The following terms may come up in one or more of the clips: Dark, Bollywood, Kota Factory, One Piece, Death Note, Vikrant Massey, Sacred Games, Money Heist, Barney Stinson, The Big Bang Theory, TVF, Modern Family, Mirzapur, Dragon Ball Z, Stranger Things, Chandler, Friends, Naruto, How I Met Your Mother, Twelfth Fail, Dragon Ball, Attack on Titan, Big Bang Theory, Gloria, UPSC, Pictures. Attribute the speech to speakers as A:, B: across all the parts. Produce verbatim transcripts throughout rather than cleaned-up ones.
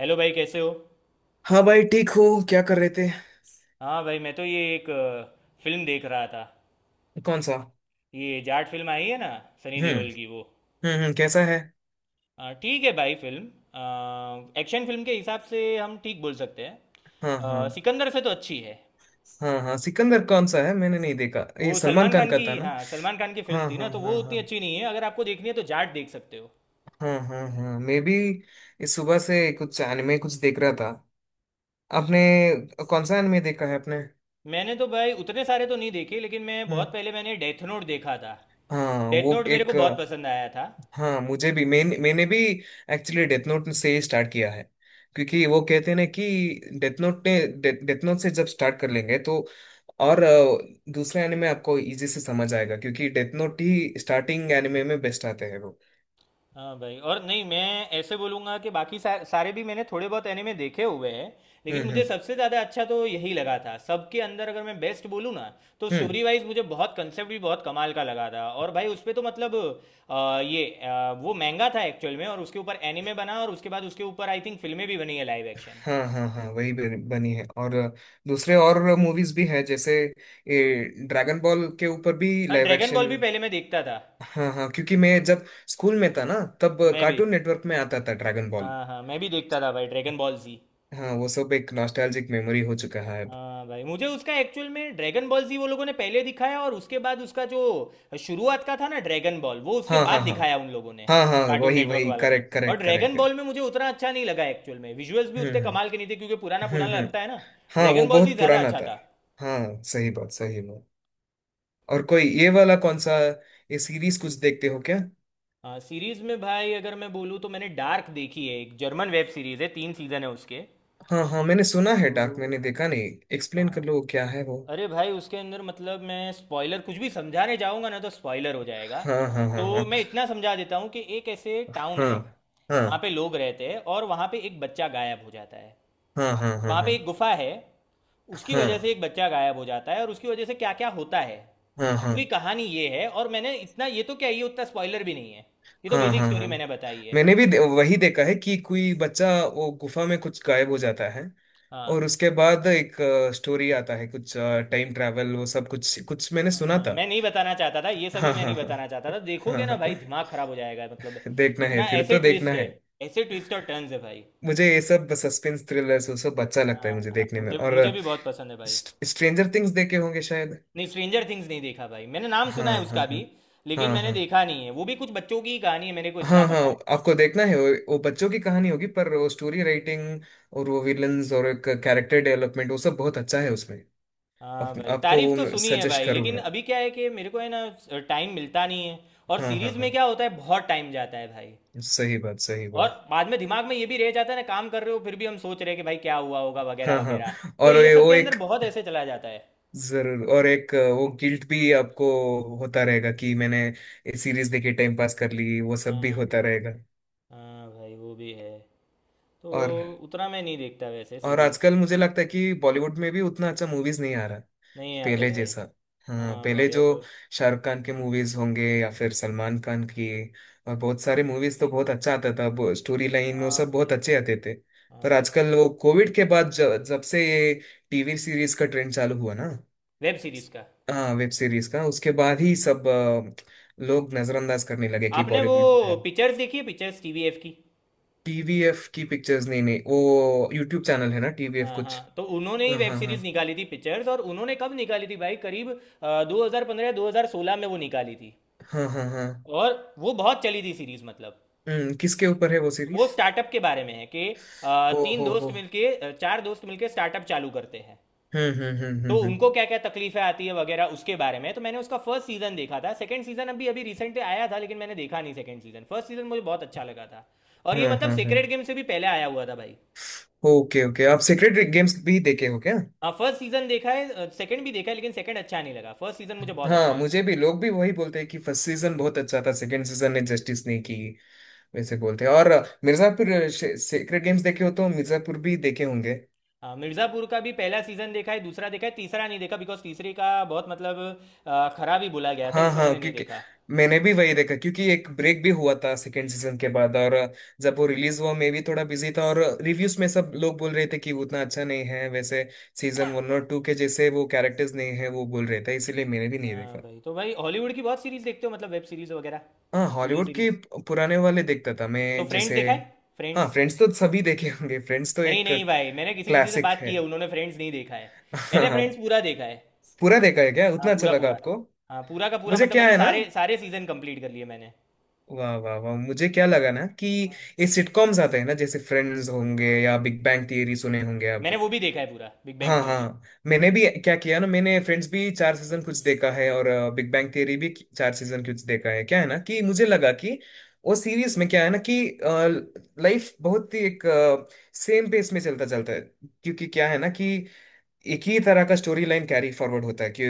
A: Hello भाई, कैसे हो।
B: हाँ भाई, ठीक हो। क्या कर रहे थे?
A: हाँ भाई, मैं तो ये एक अ, फिल्म देख रहा था।
B: कौन सा?
A: ये जाट फिल्म आई है ना, सनी
B: हम्म।
A: देओल की वो।
B: हम्म, हम्म, कैसा है?
A: अ, ठीक है भाई फिल्म। अ, एक्शन फिल्म के हिसाब से हम ठीक बोल सकते हैं।
B: हाँ, हाँ,
A: अ, सिकंदर से तो अच्छी है।
B: हाँ, हाँ। सिकंदर कौन सा है? मैंने नहीं देखा,
A: वो
B: ये सलमान
A: सलमान
B: खान
A: खान
B: का
A: की,
B: था ना?
A: हाँ सलमान खान की फिल्म
B: हाँ,
A: थी ना,
B: हाँ,
A: तो वो
B: हाँ, हाँ,
A: उतनी अच्छी नहीं है। अगर आपको देखनी है तो जाट देख सकते हो।
B: हाँ, हाँ, हाँ, मैं भी इस सुबह से कुछ एनिमे कुछ देख रहा था। आपने कौन सा एनिमे देखा है आपने?
A: मैंने तो भाई उतने सारे तो नहीं देखे, लेकिन मैं
B: हम्म।
A: बहुत पहले मैंने डेथ नोट देखा था।
B: हाँ,
A: डेथ
B: वो
A: नोट मेरे
B: एक।
A: को बहुत पसंद आया था।
B: हाँ, मुझे भी। मैंने मैंने भी एक्चुअली डेथ नोट से ही स्टार्ट किया है, क्योंकि वो कहते हैं ना कि डेथ नोट ने, डेथ नोट से जब स्टार्ट कर लेंगे तो और अ, दूसरे एनिमे आपको इजी से समझ आएगा, क्योंकि डेथ नोट ही स्टार्टिंग एनिमे में बेस्ट आते हैं वो।
A: हाँ भाई, और नहीं मैं ऐसे बोलूँगा कि बाकी सा, सारे भी मैंने थोड़े बहुत एनिमे देखे हुए हैं। लेकिन
B: हम्म,
A: मुझे
B: हम्म,
A: सबसे ज़्यादा अच्छा तो यही लगा था सबके अंदर, अगर मैं बेस्ट बोलूँ ना। तो
B: हम्म।
A: स्टोरी वाइज मुझे बहुत कंसेप्ट भी बहुत कमाल का लगा था, और भाई उस पे तो मतलब। अ, ये अ, वो महंगा था एक्चुअल में, और उसके ऊपर एनिमे बना, और उसके बाद उसके ऊपर आई थिंक फिल्में भी बनी है, लाइव एक्शन।
B: हाँ, हाँ, हाँ, वही बन- बनी है, और अ, दूसरे और मूवीज भी हैं, जैसे ये ड्रैगन बॉल के ऊपर भी
A: हाँ,
B: लाइव
A: ड्रैगन बॉल
B: एक्शन।
A: भी पहले मैं देखता था।
B: हाँ, हाँ, क्योंकि मैं जब स्कूल में था ना, तब
A: मैं भी।
B: कार्टून नेटवर्क में आता था ड्रैगन बॉल।
A: हाँ हाँ, मैं भी देखता था भाई, ड्रैगन बॉल जी।
B: हाँ, वो सब एक नॉस्टैल्जिक मेमोरी हो चुका है अब।
A: हाँ भाई, मुझे उसका एक्चुअल में ड्रैगन बॉल जी वो लोगों ने पहले दिखाया, और उसके बाद उसका जो शुरुआत का था ना ड्रैगन बॉल वो उसके
B: हाँ,
A: बाद
B: हाँ, हाँ,
A: दिखाया उन लोगों ने,
B: हाँ, हाँ,
A: कार्टून
B: वही
A: नेटवर्क
B: वही,
A: वालों ने।
B: करेक्ट
A: और
B: करेक्ट
A: ड्रैगन
B: करेक्ट है।
A: बॉल में मुझे उतना अच्छा नहीं लगा एक्चुअल में, विजुअल्स भी
B: हम्म,
A: उतने
B: हम्म,
A: कमाल के नहीं थे, क्योंकि पुराना पुराना
B: हम्म, हम्म।
A: लगता है ना।
B: हाँ, वो
A: ड्रैगन बॉल जी
B: बहुत
A: ज़्यादा
B: पुराना
A: अच्छा
B: था।
A: था।
B: हाँ, सही बात, सही बात। और कोई ये वाला कौन सा ये सीरीज कुछ देखते हो क्या?
A: हाँ, सीरीज में भाई अगर मैं बोलूँ तो मैंने डार्क देखी है, एक जर्मन वेब सीरीज है, तीन सीजन है उसके।
B: हाँ, हाँ, मैंने सुना है डार्क,
A: तो
B: मैंने देखा नहीं। एक्सप्लेन कर
A: हाँ,
B: लो क्या है वो?
A: अरे भाई उसके अंदर मतलब मैं स्पॉइलर कुछ भी समझाने जाऊंगा ना तो स्पॉइलर हो जाएगा।
B: हाँ, हाँ,
A: तो
B: हाँ,
A: मैं इतना समझा देता हूँ कि एक ऐसे टाउन
B: हाँ,
A: है,
B: हाँ,
A: वहाँ पे लोग रहते हैं, और वहाँ पे एक बच्चा गायब हो जाता है।
B: हाँ, हाँ, हाँ, हाँ,
A: वहाँ
B: हाँ,
A: पे एक गुफा है, उसकी
B: हाँ,
A: वजह से एक बच्चा गायब हो जाता है, और उसकी वजह से क्या क्या होता है,
B: हाँ, हाँ,
A: पूरी
B: हाँ,
A: कहानी ये है। और मैंने इतना ये तो क्या, ये उतना स्पॉइलर भी नहीं है, ये तो
B: हाँ,
A: बेसिक
B: हाँ,
A: स्टोरी
B: हाँ,
A: मैंने बताई है।
B: मैंने भी
A: कुछ-
B: दे, वही देखा है कि कोई बच्चा वो गुफा में कुछ गायब हो जाता है,
A: हाँ
B: और उसके बाद एक स्टोरी आता है कुछ, टाइम ट्रैवल वो सब कुछ कुछ मैंने
A: हाँ,
B: सुना
A: हाँ,
B: था।
A: मैं नहीं बताना चाहता था, ये सभी
B: हाँ,
A: मैं
B: हाँ,
A: नहीं
B: हाँ,
A: बताना चाहता था,
B: हाँ, हाँ,
A: देखोगे ना भाई
B: हाँ।
A: दिमाग खराब हो जाएगा, मतलब
B: देखना है
A: इतना
B: फिर,
A: ऐसे
B: तो देखना
A: ट्विस्ट
B: है।
A: है, ऐसे ट्विस्ट और टर्न्स है भाई।
B: मुझे ये सब सस्पेंस थ्रिलर्स वो सब अच्छा लगता
A: हाँ
B: है मुझे
A: हाँ,
B: देखने में,
A: मुझे
B: और
A: मुझे भी बहुत पसंद है भाई।
B: स्ट्रेंजर थिंग्स देखे होंगे शायद?
A: नहीं, स्ट्रेंजर थिंग्स नहीं देखा भाई, मैंने नाम
B: हाँ,
A: सुना है
B: हाँ,
A: उसका भी,
B: हाँ,
A: लेकिन
B: हाँ,
A: मैंने
B: हाँ,
A: देखा नहीं है। वो भी कुछ बच्चों की ही कहानी है, मेरे को इतना
B: हाँ, हाँ।
A: पता है।
B: आपको देखना है वो, वो बच्चों की कहानी होगी, पर वो स्टोरी राइटिंग और वो विलन्स और एक कैरेक्टर डेवलपमेंट वो सब बहुत अच्छा है उसमें।
A: हाँ
B: आप,
A: भाई,
B: आपको
A: तारीफ तो
B: वो
A: सुनी है
B: सजेस्ट
A: भाई, लेकिन
B: करूंगा।
A: अभी क्या है कि मेरे को है ना, टाइम मिलता नहीं है। और
B: हाँ, हाँ,
A: सीरीज में
B: हाँ,
A: क्या होता है, बहुत टाइम जाता है भाई।
B: सही बात, सही
A: और
B: बात।
A: बाद में दिमाग में ये भी रह जाता है ना, काम कर रहे हो फिर भी हम सोच रहे हैं कि भाई क्या हुआ होगा वगैरह
B: हाँ, हाँ,
A: वगैरह। तो
B: और
A: ये
B: ये
A: सब
B: वो
A: के अंदर
B: एक
A: बहुत ऐसे चला जाता है।
B: जरूर, और एक वो गिल्ट भी आपको होता रहेगा कि मैंने ये सीरीज देखी, टाइम पास कर ली, वो सब भी
A: हाँ
B: होता
A: भाई,
B: रहेगा।
A: हाँ भाई, वो भी है। तो
B: और
A: उतना मैं नहीं देखता वैसे
B: और
A: सीरीज
B: आजकल
A: अभी।
B: मुझे लगता है कि बॉलीवुड में भी उतना अच्छा मूवीज नहीं आ रहा
A: नहीं आते
B: पहले
A: भाई,
B: जैसा। हाँ,
A: हाँ
B: पहले
A: भाई
B: जो
A: अब।
B: शाहरुख खान के मूवीज होंगे या फिर सलमान खान की और बहुत सारे मूवीज तो बहुत अच्छा आता था, वो स्टोरी लाइन वो
A: हाँ
B: सब बहुत
A: भाई,
B: अच्छे आते थे। पर
A: हाँ भाई,
B: आजकल वो कोविड के बाद, जब, जब से ये टीवी सीरीज का ट्रेंड चालू हुआ ना।
A: वेब सीरीज का।
B: हाँ, वेब सीरीज का, उसके बाद ही सब अ, लोग नजरअंदाज करने लगे कि
A: आपने वो
B: बॉलीवुड है।
A: पिक्चर्स देखी है, पिक्चर्स टी वी एफ की।
B: टीवीएफ की पिक्चर्स? नहीं नहीं, वो यूट्यूब चैनल है ना टीवीएफ
A: हाँ
B: कुछ।
A: हाँ, तो उन्होंने ही
B: हाँ,
A: वेब
B: हाँ, हाँ,
A: सीरीज निकाली थी, पिक्चर्स, और उन्होंने कब निकाली थी भाई, करीब दो हजार पंद्रह दो हजार सोलह में वो निकाली थी।
B: हाँ, हाँ, हाँ।
A: और वो बहुत चली थी सीरीज, मतलब
B: हम्म, किसके ऊपर है वो
A: वो
B: सीरीज?
A: स्टार्टअप के बारे में है कि अ,
B: ओ
A: तीन
B: हो
A: दोस्त
B: हो।
A: मिलके अ, चार दोस्त मिलके स्टार्टअप चालू करते हैं,
B: हम्म, हम्म, हम्म,
A: तो
B: हम्म, हम्म,
A: उनको क्या क्या तकलीफें आती है वगैरह उसके बारे में। तो मैंने उसका फर्स्ट सीजन देखा था, सेकंड सीजन अभी अभी रिसेंटली आया था, लेकिन मैंने देखा नहीं सेकंड सीजन। फर्स्ट सीजन मुझे बहुत अच्छा लगा था, और ये
B: हम्म,
A: मतलब
B: हम्म,
A: सेक्रेड
B: हम्म।
A: गेम से भी पहले आया हुआ था भाई।
B: ओके, ओके, आप सीक्रेट गेम्स भी देखे हो क्या?
A: फर्स्ट सीजन देखा है, सेकंड भी देखा है, लेकिन सेकंड अच्छा नहीं लगा, फर्स्ट सीजन मुझे बहुत अच्छा
B: हाँ,
A: लगा।
B: मुझे भी, लोग भी वही बोलते हैं कि फर्स्ट सीजन बहुत अच्छा था, सेकंड सीजन ने जस्टिस नहीं की, वैसे बोलते हैं। और अ, मिर्जापुर सीक्रेट गेम्स देखे हो तो मिर्जापुर भी देखे होंगे।
A: हाँ, मिर्ज़ापुर का भी पहला सीजन देखा है, दूसरा देखा है, तीसरा नहीं देखा बिकॉज तीसरे का बहुत मतलब अ, खराब ही बोला गया था,
B: हाँ,
A: इसलिए
B: हाँ,
A: मैंने नहीं
B: क्योंकि
A: देखा।
B: मैंने भी वही देखा क्योंकि एक ब्रेक भी हुआ था सेकंड सीजन के बाद, और अ, जब वो रिलीज हुआ मैं भी थोड़ा बिजी था और रिव्यूज में सब लोग बोल रहे थे कि वो उतना अच्छा नहीं है, वैसे सीजन वन और टू के जैसे वो कैरेक्टर्स नहीं है वो बोल रहे थे, इसीलिए मैंने भी नहीं
A: हाँ
B: देखा।
A: भाई, तो भाई हॉलीवुड की बहुत सीरीज देखते हो, मतलब वेब सीरीज वगैरह,
B: हाँ,
A: टीवी
B: हॉलीवुड के
A: सीरीज।
B: पुराने वाले देखता था
A: तो
B: मैं,
A: फ्रेंड्स
B: जैसे
A: देखा है,
B: हाँ
A: फ्रेंड्स।
B: फ्रेंड्स तो सभी देखे होंगे, फ्रेंड्स तो
A: नहीं
B: एक
A: नहीं भाई, मैंने किसी किसी से
B: क्लासिक
A: बात
B: है।
A: की है, उन्होंने फ्रेंड्स नहीं देखा है। मैंने फ्रेंड्स
B: हाँ।
A: पूरा देखा है।
B: पूरा देखा है क्या?
A: हाँ,
B: उतना अच्छा
A: पूरा
B: लगा
A: पूरा।
B: आपको?
A: हाँ, पूरा का पूरा,
B: मुझे
A: मतलब
B: क्या
A: मैंने
B: है ना,
A: सारे सारे सीजन कंप्लीट कर लिए मैंने।
B: वाह वाह वाह, मुझे क्या लगा ना कि
A: हाँ।
B: ये सिटकॉम्स आते हैं ना, जैसे फ्रेंड्स होंगे या बिग बैंग थियरी, सुने होंगे आप।
A: मैंने वो भी देखा है, पूरा बिग
B: हाँ,
A: बैंग थियरी।
B: हाँ, मैंने भी क्या किया ना, मैंने फ्रेंड्स भी चार सीजन कुछ देखा है, और बिग बैंग थियरी भी कि- चार सीजन कुछ देखा है। क्या है ना कि मुझे लगा कि वो सीरीज में क्या है ना कि लाइफ बहुत ही एक सेम पेस में चलता चलता है, क्योंकि क्या है ना कि एक ही तरह का स्टोरी लाइन कैरी फॉरवर्ड होता है कि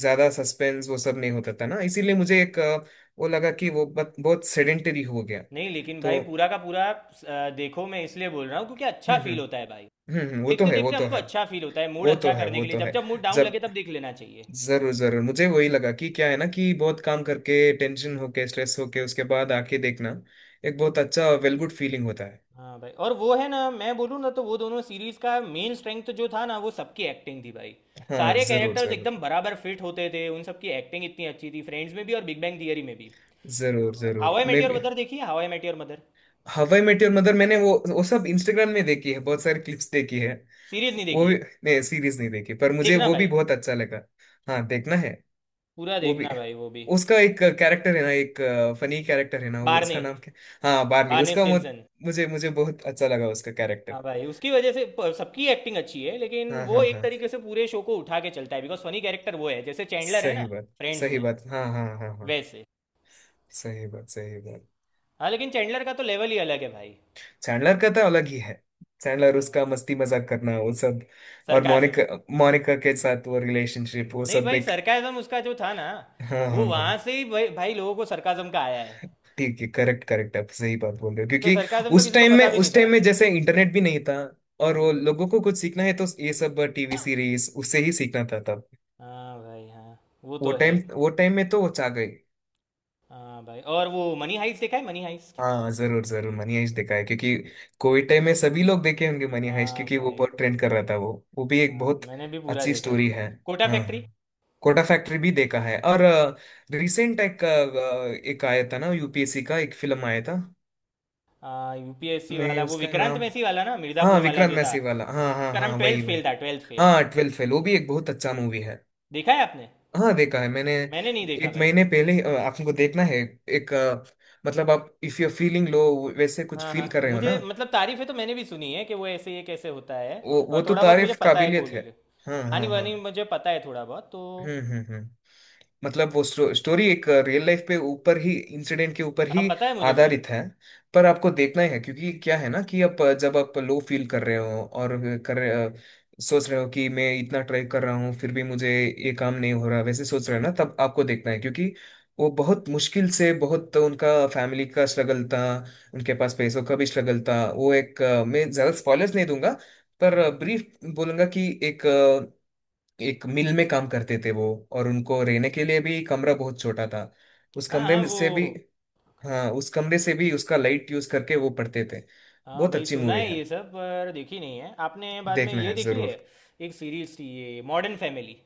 B: ज्यादा सस्पेंस वो सब नहीं होता था ना, इसीलिए मुझे एक अ, वो लगा कि वो बत, बहुत सेडेंटरी हो गया
A: नहीं, लेकिन
B: तो।
A: भाई पूरा का पूरा अ, देखो, मैं इसलिए बोल रहा हूँ क्योंकि अच्छा
B: हम्म, हम्म,
A: फील होता है भाई।
B: हम्म, हम्म, वो तो
A: देखते
B: है, वो
A: देखते
B: तो
A: हमको
B: है,
A: अच्छा फील होता है, मूड
B: वो तो
A: अच्छा
B: है,
A: करने
B: वो
A: के लिए,
B: तो
A: जब
B: है।
A: जब मूड डाउन लगे
B: जब
A: तब देख लेना चाहिए।
B: जरूर जरूर मुझे वही लगा कि क्या है ना कि बहुत काम करके, टेंशन होके, स्ट्रेस होके उसके बाद आके देखना एक बहुत अच्छा, वेल गुड फीलिंग होता है।
A: हाँ भाई, और वो है ना, मैं बोलूँ ना तो वो दोनों सीरीज का मेन स्ट्रेंथ जो था ना, वो सबकी एक्टिंग थी भाई।
B: हाँ,
A: सारे
B: जरूर,
A: कैरेक्टर्स
B: जरूर,
A: एकदम बराबर फिट होते थे, उन सबकी एक्टिंग इतनी अच्छी थी, फ्रेंड्स में भी और बिग बैंग थियरी में भी।
B: जरूर,
A: हाउ
B: जरूर,
A: आई मेट
B: मैं
A: योर
B: भी।
A: मदर देखी है, how I met your mother,
B: how I met your mother, मैंने वो, वो सब इंस्टाग्राम में देखी है, बहुत सारी क्लिप्स देखी है
A: सीरीज नहीं
B: वो
A: देखी
B: भी।
A: है।
B: नहीं, सीरीज नहीं देखी पर मुझे
A: देखना
B: वो भी
A: भाई,
B: बहुत अच्छा लगा। हाँ, देखना है
A: पूरा
B: वो भी।
A: देखना भाई वो भी।
B: उसका एक कैरेक्टर है ना, एक फनी कैरेक्टर है ना वो,
A: बारने,
B: उसका नाम क्या? हाँ, बार्नी,
A: बारने
B: उसका मु-
A: स्टिनसन।
B: मुझे मुझे बहुत अच्छा लगा उसका कैरेक्टर।
A: हाँ भाई, उसकी वजह से प- सबकी एक्टिंग अच्छी है, लेकिन
B: हाँ,
A: वो
B: हाँ,
A: एक
B: हाँ,
A: तरीके से पूरे शो को उठा के चलता है, बिकॉज फनी कैरेक्टर वो है, जैसे चैंडलर है ना
B: सही बात,
A: फ्रेंड्स
B: सही
A: में,
B: बात, हाँ, हाँ, हाँ, हाँ,
A: वैसे।
B: सही बात, सही बात।
A: हाँ, लेकिन चैंडलर का तो लेवल ही अलग है भाई।
B: चैंडलर का तो अलग ही है, चैंडलर
A: हाँ।
B: उसका मस्ती मजाक करना वो सब। और
A: सरकाजम,
B: मोनिका, मोनिका के साथ वो रिलेशनशिप वो
A: नहीं
B: सब
A: भाई,
B: एक।
A: सरकाजम उसका जो था ना,
B: हाँ,
A: वो
B: हाँ, हाँ,
A: वहां से ही भाई, भाई लोगों को सरकाजम का आया है।
B: ठीक है, करेक्ट करेक्ट, आप सही बात बोल रहे हो
A: नहीं तो
B: क्योंकि
A: सरकाजम तो
B: उस
A: किसी को
B: टाइम में,
A: पता भी नहीं
B: उस
A: था।
B: टाइम में जैसे इंटरनेट भी नहीं था और वो
A: हम्म।
B: लोगों को कुछ सीखना है तो ये सब टीवी सीरीज उससे ही सीखना था तब।
A: हाँ भाई, हाँ, वो
B: वो
A: तो है।
B: टाइम, वो टाइम में तो वो छा गई।
A: हाँ भाई, और वो मनी हाइस्ट देखा है, मनी हाइस्ट।
B: हाँ, जरूर जरूर, मनी हाइस्ट देखा है, क्योंकि कोविड टाइम में सभी लोग देखे होंगे मनी हाइस्ट,
A: हाँ
B: क्योंकि वो
A: भाई,
B: बहुत ट्रेंड कर रहा था वो। वो भी एक
A: हाँ
B: बहुत
A: मैंने भी पूरा
B: अच्छी
A: देखा है
B: स्टोरी
A: भाई।
B: है।
A: कोटा
B: हाँ, हाँ,
A: फैक्ट्री।
B: कोटा फैक्ट्री भी देखा है। और रिसेंट एक अ, एक आया था ना यूपीएससी का एक फिल्म आया था,
A: हाँ, यू पी एस सी
B: मैं
A: वाला, वो
B: उसका
A: विक्रांत
B: नाम,
A: मैसी वाला ना,
B: हाँ
A: मिर्ज़ापुर वाला
B: विक्रांत
A: जो था,
B: मैसी वाला, हाँ, हाँ,
A: उसका नाम
B: हाँ,
A: ट्वेल्थ
B: वही वही।
A: फेल था, ट्वेल्थ फेल।
B: हाँ, ट्वेल्थ फेल, वो भी एक बहुत अच्छा मूवी है।
A: देखा है आपने?
B: हाँ, देखा है मैंने
A: मैंने नहीं देखा
B: एक
A: भाई।
B: महीने पहले ही। अ, आपको देखना है एक अ, मतलब आप इफ यू फीलिंग लो, वैसे कुछ
A: हाँ हाँ,
B: फील कर रहे हो
A: मुझे
B: ना।
A: मतलब तारीफें तो मैंने भी सुनी है कि वो ऐसे, ये कैसे होता है,
B: वो वो
A: और
B: तो
A: थोड़ा बहुत मुझे
B: तारीफ
A: पता है
B: काबिलियत है।
A: कोहली का,
B: हाँ,
A: कहानी
B: हाँ, हाँ।
A: वानी मुझे पता है थोड़ा बहुत तो।
B: हम्म, हम्म, हम्म। मतलब वो स्टो, स्टोरी एक रियल लाइफ पे ऊपर ही इंसिडेंट के ऊपर
A: हाँ,
B: ही
A: पता है मुझे भाई।
B: आधारित है। पर आपको देखना ही है, क्योंकि क्या है ना कि आप जब आप लो फील कर रहे हो और कर रहे- सोच रहे हो कि मैं इतना ट्राई कर रहा हूँ फिर भी मुझे ये काम नहीं हो रहा, वैसे सोच रहे हो ना, तब आपको देखना है, क्योंकि वो बहुत मुश्किल से, बहुत
A: हम्म,
B: उनका फैमिली का स्ट्रगल था, उनके पास पैसों का भी स्ट्रगल था। वो एक अ, मैं ज़्यादा स्पॉयलर्स नहीं दूंगा, पर
A: हम्म।
B: ब्रीफ बोलूंगा कि एक, एक मिल में काम करते थे वो, और उनको रहने के लिए भी कमरा बहुत छोटा था। उस
A: हाँ
B: कमरे
A: हाँ,
B: में
A: वो
B: से भी, हाँ, उस कमरे से भी उसका लाइट यूज करके वो पढ़ते थे।
A: हाँ
B: बहुत
A: भाई
B: अच्छी
A: सुना
B: मूवी
A: है
B: है,
A: ये सब, पर देखी नहीं है। आपने बाद में
B: देखना
A: ये
B: है
A: देखी है?
B: जरूर।
A: एक सीरीज थी ये, मॉडर्न फैमिली।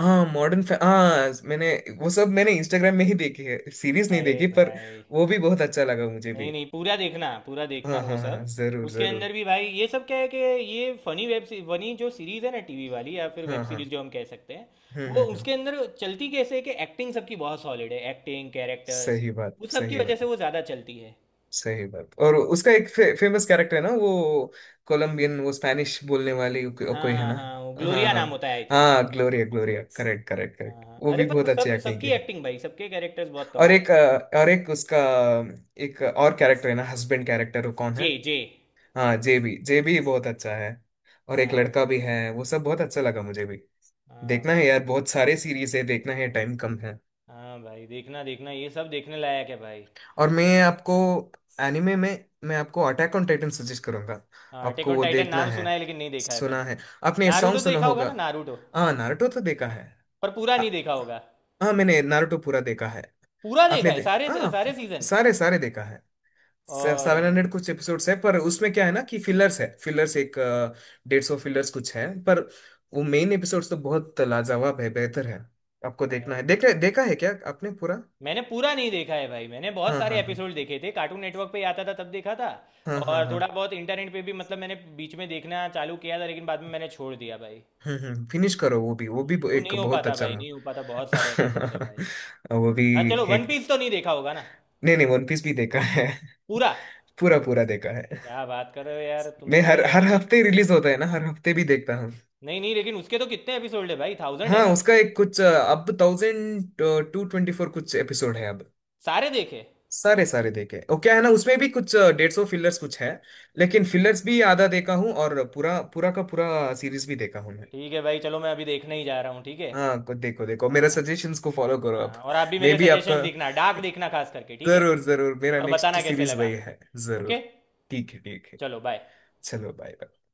B: हाँ, मॉडर्न, हाँ मैंने वो सब मैंने इंस्टाग्राम में ही देखी है, सीरीज नहीं
A: अरे
B: देखी पर
A: भाई,
B: वो भी बहुत अच्छा लगा मुझे
A: नहीं
B: भी।
A: नहीं, पूरा देखना, पूरा देखना
B: हाँ,
A: वो
B: हाँ,
A: सब।
B: हाँ, जरूर,
A: उसके अंदर
B: जरूर।
A: भी भाई, ये सब क्या है कि ये फनी वेब फनी जो सीरीज है ना, टीवी वाली या फिर वेब
B: हाँ,
A: सीरीज
B: हाँ।
A: जो हम कह सकते हैं,
B: हम्म,
A: वो
B: हम्म, हम्म,
A: उसके अंदर चलती कैसे है कि एक्टिंग सबकी बहुत सॉलिड है, एक्टिंग, कैरेक्टर्स,
B: सही बात,
A: उस सब की
B: सही
A: वजह
B: बात,
A: से वो ज़्यादा चलती है।
B: सही बात। और उसका एक फे, फेमस कैरेक्टर है ना वो कोलंबियन, वो स्पैनिश बोलने वाली को,
A: हाँ
B: कोई है
A: हाँ
B: ना।
A: हाँ, वो
B: हाँ,
A: ग्लोरिया
B: हाँ,
A: नाम होता है आई थिंक।
B: हाँ, ग्लोरिया, ग्लोरिया, करेक्ट करेक्ट
A: हाँ
B: करेक्ट,
A: हाँ,
B: वो
A: अरे
B: भी
A: पर
B: बहुत अच्छी
A: सब
B: एक्टिंग की
A: सबकी
B: है।
A: एक्टिंग भाई, सबके कैरेक्टर्स बहुत
B: और
A: कमाल के
B: एक
A: थे।
B: अ, और एक उसका एक और कैरेक्टर है ना, हस्बैंड कैरेक्टर, वो कौन है?
A: जे जे,
B: हाँ, जेबी, जेबी बहुत अच्छा है, और एक
A: हाँ भाई,
B: लड़का भी है, वो सब बहुत अच्छा लगा मुझे भी।
A: हाँ
B: देखना है
A: भाई।
B: यार, बहुत सारे सीरीज है, देखना है,
A: हम्म,
B: टाइम कम है।
A: हाँ भाई, देखना देखना ये सब देखने लायक है भाई।
B: और मैं
A: और
B: आपको एनिमे में, मैं आपको अटैक ऑन टाइटन सजेस्ट करूंगा।
A: हाँ, अटैक
B: आपको
A: ऑन
B: वो
A: टाइटन
B: देखना
A: नाम
B: है,
A: सुना है, लेकिन नहीं देखा है भाई।
B: सुना है, आपने ये सॉन्ग
A: नारुतो
B: सुना
A: देखा होगा
B: होगा।
A: ना, नारुतो,
B: हाँ, नारुतो तो देखा है।
A: पर पूरा
B: आ-
A: नहीं देखा होगा।
B: हाँ, मैंने नारुतो पूरा देखा है।
A: पूरा देखा
B: आपने
A: है
B: दे,
A: सारे
B: हाँ
A: सारे सीजन?
B: सारे सारे देखा है।
A: और
B: सेवन हंड्रेड कुछ एपिसोड्स है, पर उसमें क्या है ना कि फिलर्स है, फिलर्स एक डेढ़ सौ फिलर्स कुछ है, पर वो मेन एपिसोड्स तो बहुत लाजवाब है, बेहतर है। आपको
A: अ,
B: देखना है, देखा, देखा है क्या आपने पूरा?
A: मैंने पूरा नहीं देखा है भाई, मैंने बहुत
B: हाँ,
A: सारे
B: हाँ, हाँ,
A: एपिसोड देखे थे, कार्टून नेटवर्क पे ही आता था तब देखा था।
B: हाँ, हाँ,
A: और
B: हाँ।
A: थोड़ा बहुत इंटरनेट पे भी, मतलब मैंने बीच में देखना चालू किया था, लेकिन बाद में मैंने छोड़ दिया भाई।
B: हम्म, हम्म, फिनिश करो, वो भी, वो भी
A: वो
B: एक
A: नहीं हो
B: बहुत
A: पाता
B: अच्छा
A: भाई,
B: मूव।
A: नहीं हो पाता, बहुत सारे एपिसोड है भाई।
B: वो भी
A: हाँ चलो, वन
B: एक,
A: पीस तो नहीं देखा होगा ना,
B: नहीं नहीं, वन पीस भी देखा है।
A: पूरा?
B: पूरा पूरा देखा है।
A: क्या बात कर रहे हो यार, तुम
B: मैं
A: तो भाई
B: हर हर
A: एनिमे।
B: हफ्ते रिलीज होता है ना, हर हफ्ते भी देखता हूँ।
A: नहीं नहीं, लेकिन उसके तो कितने एपिसोड है भाई, थाउजेंड है
B: हाँ,
A: ना?
B: उसका एक कुछ अ, अब थाउजेंड टू ट्वेंटी फोर कुछ एपिसोड है अब।
A: सारे देखे?
B: सारे सारे देखे, ओ क्या है ना, उसमें भी कुछ डेढ़ सौ फिलर्स कुछ है, लेकिन फिलर्स भी आधा देखा हूँ, और पूरा पूरा का पूरा सीरीज भी देखा हूँ मैं।
A: ठीक है भाई, चलो मैं अभी देखने ही जा रहा हूँ, ठीक है।
B: हाँ, कुछ देखो देखो,
A: हाँ
B: मेरा
A: हाँ,
B: सजेशंस को फॉलो करो आप।
A: हाँ, और आप भी
B: मे
A: मेरे
B: बी आपका
A: सजेशंस लिखना, डार्क लिखना खास करके, ठीक है।
B: जरूर, जरूर, मेरा
A: और
B: नेक्स्ट
A: बताना कैसे
B: सीरीज वही
A: लगा।
B: है,
A: ओके,
B: जरूर। ठीक है, ठीक है।
A: चलो बाय।
B: चलो, बाय बाय।